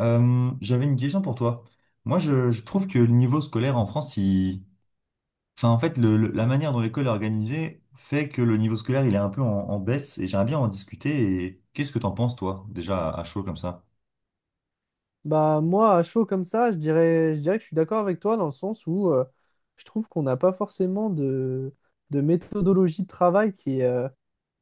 J'avais une question pour toi. Moi, je trouve que le niveau scolaire en France, il... enfin, en fait, la manière dont l'école est organisée fait que le niveau scolaire, il est un peu en baisse et j'aimerais bien en discuter. Et qu'est-ce que t'en penses, toi, déjà à chaud comme ça? Bah moi, à chaud comme ça, je dirais que je suis d'accord avec toi dans le sens où je trouve qu'on n'a pas forcément de méthodologie de travail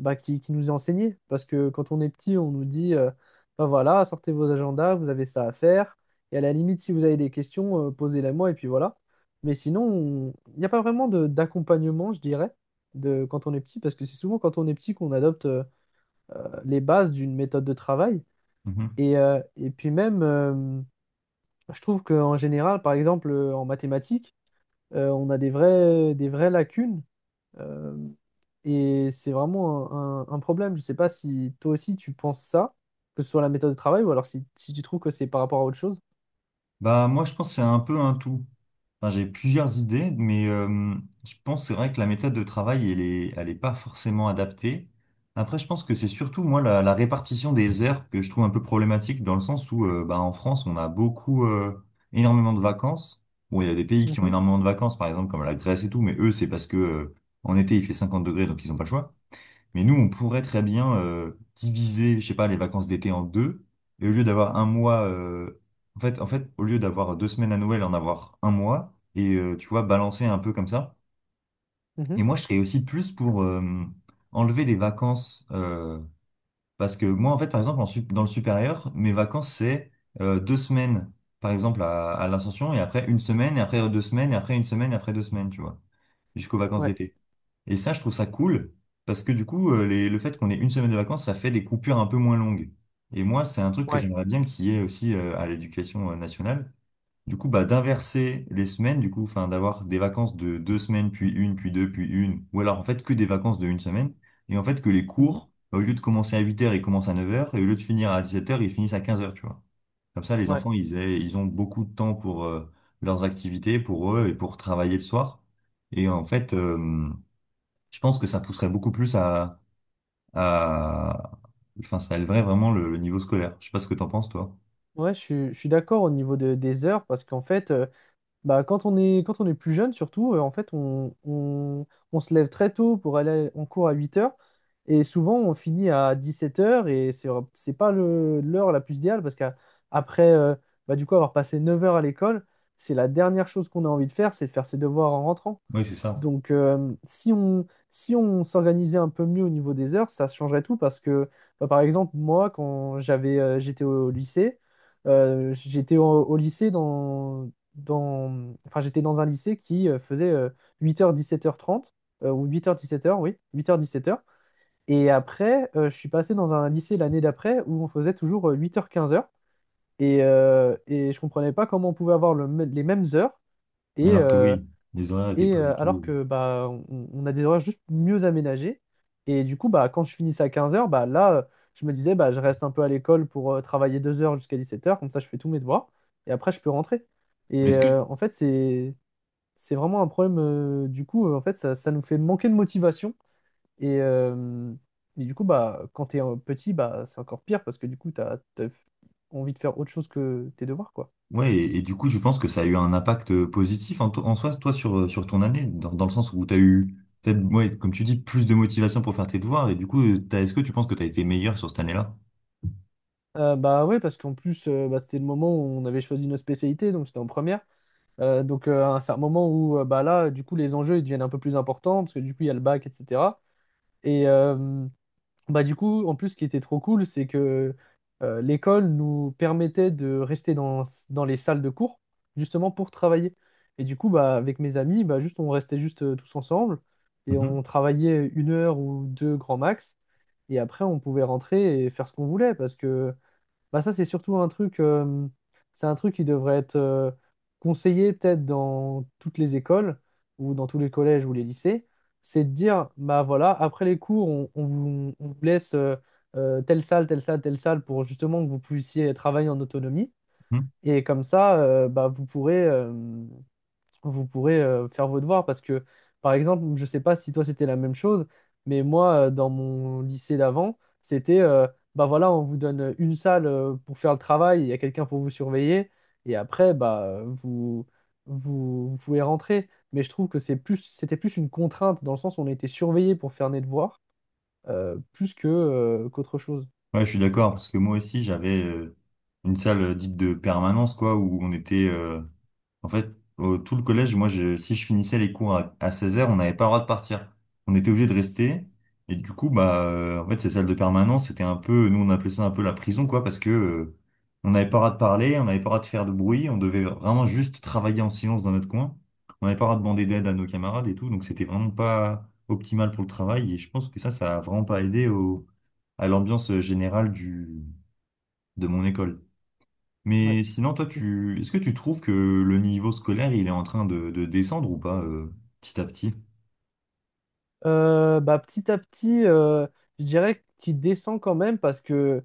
bah, qui nous est enseignée. Parce que quand on est petit, on nous dit, bah voilà, sortez vos agendas, vous avez ça à faire. Et à la limite, si vous avez des questions, posez-les moi et puis voilà. Mais sinon, il n'y a pas vraiment d'accompagnement, je dirais, de quand on est petit, parce que c'est souvent quand on est petit qu'on adopte les bases d'une méthode de travail. Mhm. Et puis même. Je trouve qu'en général, par exemple, en mathématiques, on a des vraies lacunes euh, et c'est vraiment un problème. Je ne sais pas si toi aussi tu penses ça, que ce soit la méthode de travail ou alors si tu trouves que c'est par rapport à autre chose. Bah moi je pense que c'est un peu un tout. Enfin, j'ai plusieurs idées, mais je pense que c'est vrai que la méthode de travail, elle est pas forcément adaptée. Après, je pense que c'est surtout moi la répartition des heures que je trouve un peu problématique dans le sens où bah, en France, on a beaucoup énormément de vacances. Bon, il y a des pays qui ont Mhm, énormément de vacances, par exemple comme la Grèce et tout, mais eux, c'est parce que en été, il fait 50 degrés, donc ils n'ont pas le choix. Mais nous, on pourrait très bien diviser, je sais pas, les vacances d'été en deux. Et au lieu d'avoir un mois, au lieu d'avoir deux semaines à Noël, en avoir un mois. Et tu vois, balancer un peu comme ça. mhm, Et moi, je serais aussi plus pour enlever les vacances. Parce que moi, en fait, par exemple, dans le supérieur, mes vacances, c'est deux semaines, par exemple, à l'Ascension, et après une semaine, et après deux semaines, et après une semaine, et après deux semaines, tu vois, jusqu'aux vacances ouais, d'été. Et ça, je trouve ça cool parce que du coup, le fait qu'on ait une semaine de vacances, ça fait des coupures un peu moins longues. Et moi, c'est un truc que ouais. j'aimerais bien qu'il y ait aussi à l'éducation nationale. Du coup, bah, d'inverser les semaines, du coup, enfin, d'avoir des vacances de deux semaines, puis une, puis deux, puis une, ou alors en fait que des vacances de une semaine. Et en fait, que les Mhm. cours, bah, au lieu de commencer à huit heures ils commencent à neuf heures et au lieu de finir à dix-sept heures ils finissent à quinze heures tu vois. Comme ça, les Ouais, enfants, ils ont beaucoup de temps pour leurs activités, pour eux et pour travailler le soir. Et en fait, je pense que ça pousserait beaucoup plus à... Enfin, ça élèverait vraiment le niveau scolaire. Je sais pas ce que t'en penses, toi. ouais, je suis d'accord au niveau des heures parce qu'en fait, bah, quand on est plus jeune, surtout, en fait, on se lève très tôt pour aller en cours à 8 heures, et souvent on finit à 17 heures, et c'est pas l'heure la plus idéale parce qu'après, bah, du coup, avoir passé 9 heures à l'école, c'est la dernière chose qu'on a envie de faire, c'est de faire ses devoirs en rentrant. Oui, c'est ça. Donc, si on s'organisait un peu mieux au niveau des heures, ça changerait tout parce que, bah, par exemple, moi, quand j'étais au lycée, j'étais au, au lycée dans, dans, enfin, j'étais dans un lycée qui faisait heures 17h30, ou 8 heures 17 heures oui, 8 heures 17 heures. Et après, je suis passé dans un lycée l'année d'après où on faisait toujours 8 heures 15 heures. Et je comprenais pas comment on pouvait avoir les mêmes heures. Et, Alors que euh, oui, les horaires étaient pas du alors tout... que bah, on a des horaires juste mieux aménagés. Et du coup, bah, quand je finissais à 15 heures, bah, là, je me disais, bah, je reste un peu à l'école pour travailler 2 heures jusqu'à 17 heures, comme ça je fais tous mes devoirs, et après je peux rentrer. euh, Est-ce que... En fait, c'est vraiment un problème. Du coup, en fait, ça nous fait manquer de motivation. Et, euh, et du coup, bah, quand t'es petit, bah, c'est encore pire parce que du coup, t'as envie de faire autre chose que tes devoirs, quoi. Ouais, et du coup, je pense que ça a eu un impact positif en soi, toi, sur, sur ton année, dans le sens où t'as eu, peut-être, ouais, comme tu dis, plus de motivation pour faire tes devoirs, et du coup, est-ce que tu penses que t'as été meilleur sur cette année-là? Bah ouais, parce qu'en plus, bah, c'était le moment où on avait choisi nos spécialités, donc c'était en première. Donc c'est un moment où bah là, du coup, les enjeux ils deviennent un peu plus importants parce que du coup, il y a le bac, etc. Et euh, Bah du coup, en plus, ce qui était trop cool, c'est que l'école nous permettait de rester dans les salles de cours justement pour travailler. Et du coup, bah, avec mes amis, bah, juste, on restait juste tous ensemble et Mhm, on travaillait 1 heure ou deux grand max. Et après, on pouvait rentrer et faire ce qu'on voulait parce que bah ça, c'est surtout un truc, c'est un truc qui devrait être conseillé peut-être dans toutes les écoles ou dans tous les collèges ou les lycées. C'est de dire, bah voilà, après les cours, on vous laisse telle salle, telle salle, telle salle pour justement que vous puissiez travailler en autonomie. mhm. Et comme ça, bah, vous pourrez faire vos devoirs parce que, par exemple, je ne sais pas si toi c'était la même chose, mais moi, dans mon lycée d'avant, c'était, bah voilà, on vous donne une salle pour faire le travail, il y a quelqu'un pour vous surveiller, et après, bah, vous pouvez rentrer. Mais je trouve que c'était plus une contrainte, dans le sens où on était surveillé pour faire nos devoirs, qu'autre chose. Ouais, je suis d'accord, parce que moi aussi, j'avais une salle dite de permanence, quoi, où on était... En fait, tout le collège, si je finissais les cours à 16h, on n'avait pas le droit de partir. On était obligé de rester. Et du coup, bah, en fait, ces salles de permanence, c'était un peu, nous, on appelait ça un peu la prison, quoi, parce que, on n'avait pas le droit de parler, on n'avait pas le droit de faire de bruit, on devait vraiment juste travailler en silence dans notre coin. On n'avait pas le droit de demander d'aide à nos camarades et tout, donc c'était vraiment pas optimal pour le travail. Et je pense que ça a vraiment pas aidé au, à l'ambiance générale du, de mon école. Ouais. Mais sinon, toi, C'est- tu, est-ce que tu trouves que le niveau scolaire, il est en train de descendre ou pas, petit à petit? Bah, petit à petit, je dirais qu'il descend quand même parce que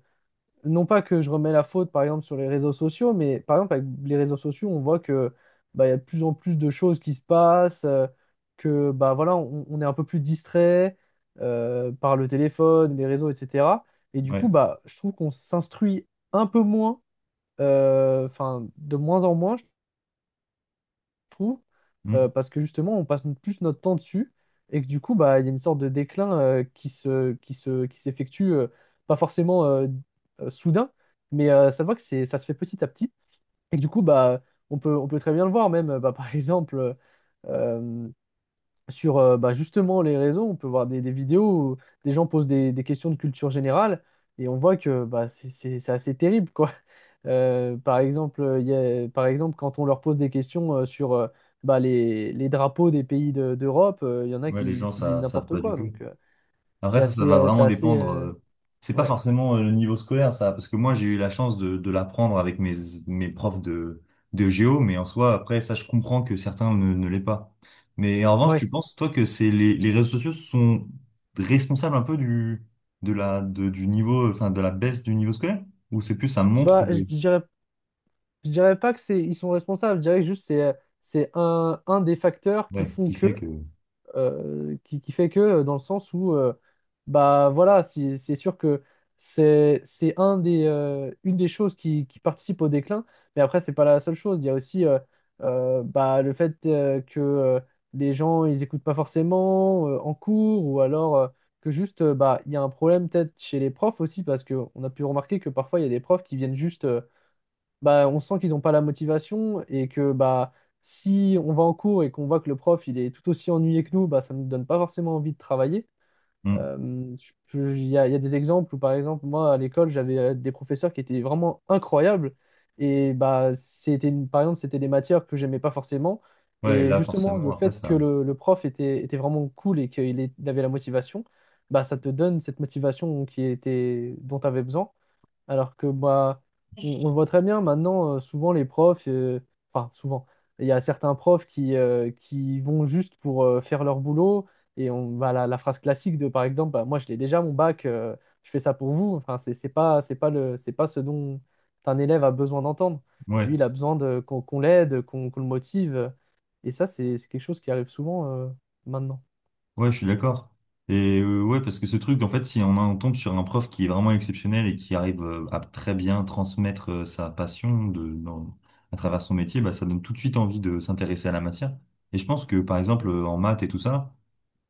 non pas que je remets la faute, par exemple, sur les réseaux sociaux, mais par exemple, avec les réseaux sociaux, on voit que bah, il y a de plus en plus de choses qui se passent, que bah voilà, on est un peu plus distrait par le téléphone, les réseaux, etc. Et du coup, Ouais. bah, je trouve qu'on s'instruit un peu moins, enfin, de moins en moins, trouve, Hmm. Parce que justement, on passe plus notre temps dessus et que du coup, bah, il y a une sorte de déclin qui s'effectue, pas forcément soudain, mais ça va que ça se fait petit à petit, et que du coup, bah, on peut très bien le voir même, bah, par exemple. euh, Sur bah, justement les réseaux, on peut voir des vidéos où des gens posent des questions de culture générale, et on voit que bah, c'est assez terrible, quoi. Par exemple, par exemple, quand on leur pose des questions sur bah, les drapeaux des pays d'Europe, il y en a Ouais, les qui, gens, qui disent ça, savent n'importe pas du quoi. tout. Donc, Après, ça va c'est vraiment assez dépendre. C'est pas ouais. forcément le niveau scolaire, ça, parce que moi, j'ai eu la chance de l'apprendre avec mes profs de géo, mais en soi, après, ça, je comprends que certains ne l'aient pas. Mais en revanche, tu Ouais. penses, toi, que c'est les réseaux sociaux sont responsables un peu du niveau, enfin, de la baisse du niveau scolaire? Ou c'est plus ça montre Bah, des- je dirais pas que ils sont responsables, je dirais que juste c'est un des facteurs qui Ouais, font qui fait que. que. Qui fait que, dans le sens où, bah voilà, c'est sûr que une des choses qui participe au déclin, mais après, c'est pas la seule chose. Il y a aussi bah, le fait que les gens, ils écoutent pas forcément en cours, ou alors que juste, bah, il y a un problème peut-être chez les profs aussi, parce qu'on a pu remarquer que parfois, il y a des profs qui viennent juste. Bah, on sent qu'ils n'ont pas la motivation et que bah, si on va en cours et qu'on voit que le prof il est tout aussi ennuyé que nous, bah, ça ne nous donne pas forcément envie de travailler. Hmm. Il y a des exemples où, par exemple, moi, à l'école, j'avais des professeurs qui étaient vraiment incroyables. Et bah, par exemple, c'était des matières que j'aimais pas forcément. Ouais, Et là, justement, forcément, le après fait que ça. le prof était vraiment cool et il avait la motivation, bah, ça te donne cette motivation dont tu avais besoin. Alors que bah, on le voit très bien maintenant, enfin souvent, il y a certains profs qui vont juste pour faire leur boulot, et on va à la phrase classique de, par exemple, bah, moi je l'ai déjà mon bac, je fais ça pour vous. Enfin, c'est pas ce dont un élève a besoin d'entendre. Ouais, Lui, il a besoin qu'on l'aide, qu'on le motive. Et ça, c'est quelque chose qui arrive souvent maintenant. ouais, je suis d'accord. Et ouais, parce que ce truc, en fait, si on, en tombe sur un prof qui est vraiment exceptionnel et qui arrive à très bien transmettre sa passion à travers son métier, bah, ça donne tout de suite envie de s'intéresser à la matière. Et je pense que, par exemple, Mm, en maths et tout ça,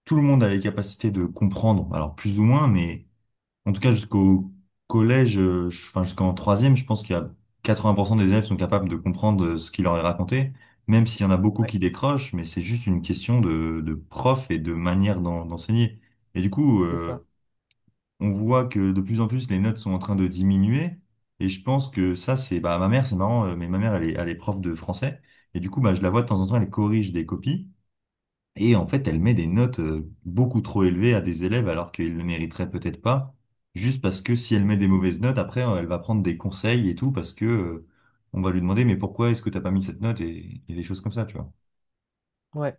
tout le monde a les capacités de comprendre, alors plus ou moins, mais. En tout cas, jusqu'au collège, enfin jusqu'en troisième, je pense qu'il y a 80% des élèves sont capables de comprendre ce qu'il leur est raconté, même s'il y en a beaucoup ouais. qui décrochent, mais c'est juste une question de prof et de manière d'enseigner. Et du coup, C'est ça. On voit que de plus en plus les notes sont en train de diminuer. Et je pense que ça, c'est bah ma mère, c'est marrant, mais ma mère, elle est prof de français. Et du coup, bah, je la vois de temps en temps, elle corrige des copies. Et en fait, elle met des notes beaucoup trop élevées à des élèves alors qu'ils le mériteraient peut-être pas, juste parce que si elle met Mhm. des mauvaises notes, après, elle va prendre des conseils et tout, parce que on va lui demander, mais pourquoi est-ce que t'as pas mis cette note et des choses comme ça, tu vois. Ouais.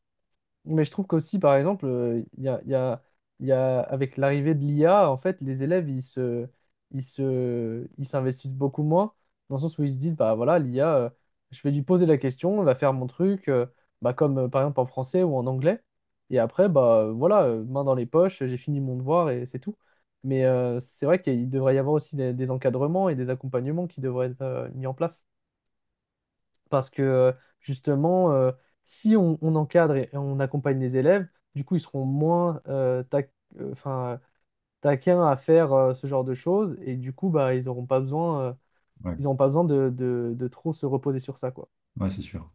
Mais je trouve qu'aussi, par exemple, il y a, il y a- il y a- avec l'arrivée de l'IA, en fait, les élèves, ils s'investissent beaucoup moins, dans le sens où ils se disent, bah voilà, l'IA, je vais lui poser la question, elle va faire mon truc, bah, comme par exemple en français ou en anglais. Et après, bah voilà, main dans les poches, j'ai fini mon devoir et c'est tout. Mais c'est vrai qu'il devrait y avoir aussi des encadrements et des accompagnements qui devraient être mis en place. Parce que justement, si on encadre et on accompagne les élèves, du coup, ils seront moins enfin, taquins à faire ce genre de choses. Et du coup, bah, Ouais, ils auront pas besoin de trop se reposer sur ça, quoi. ouais, c'est sûr.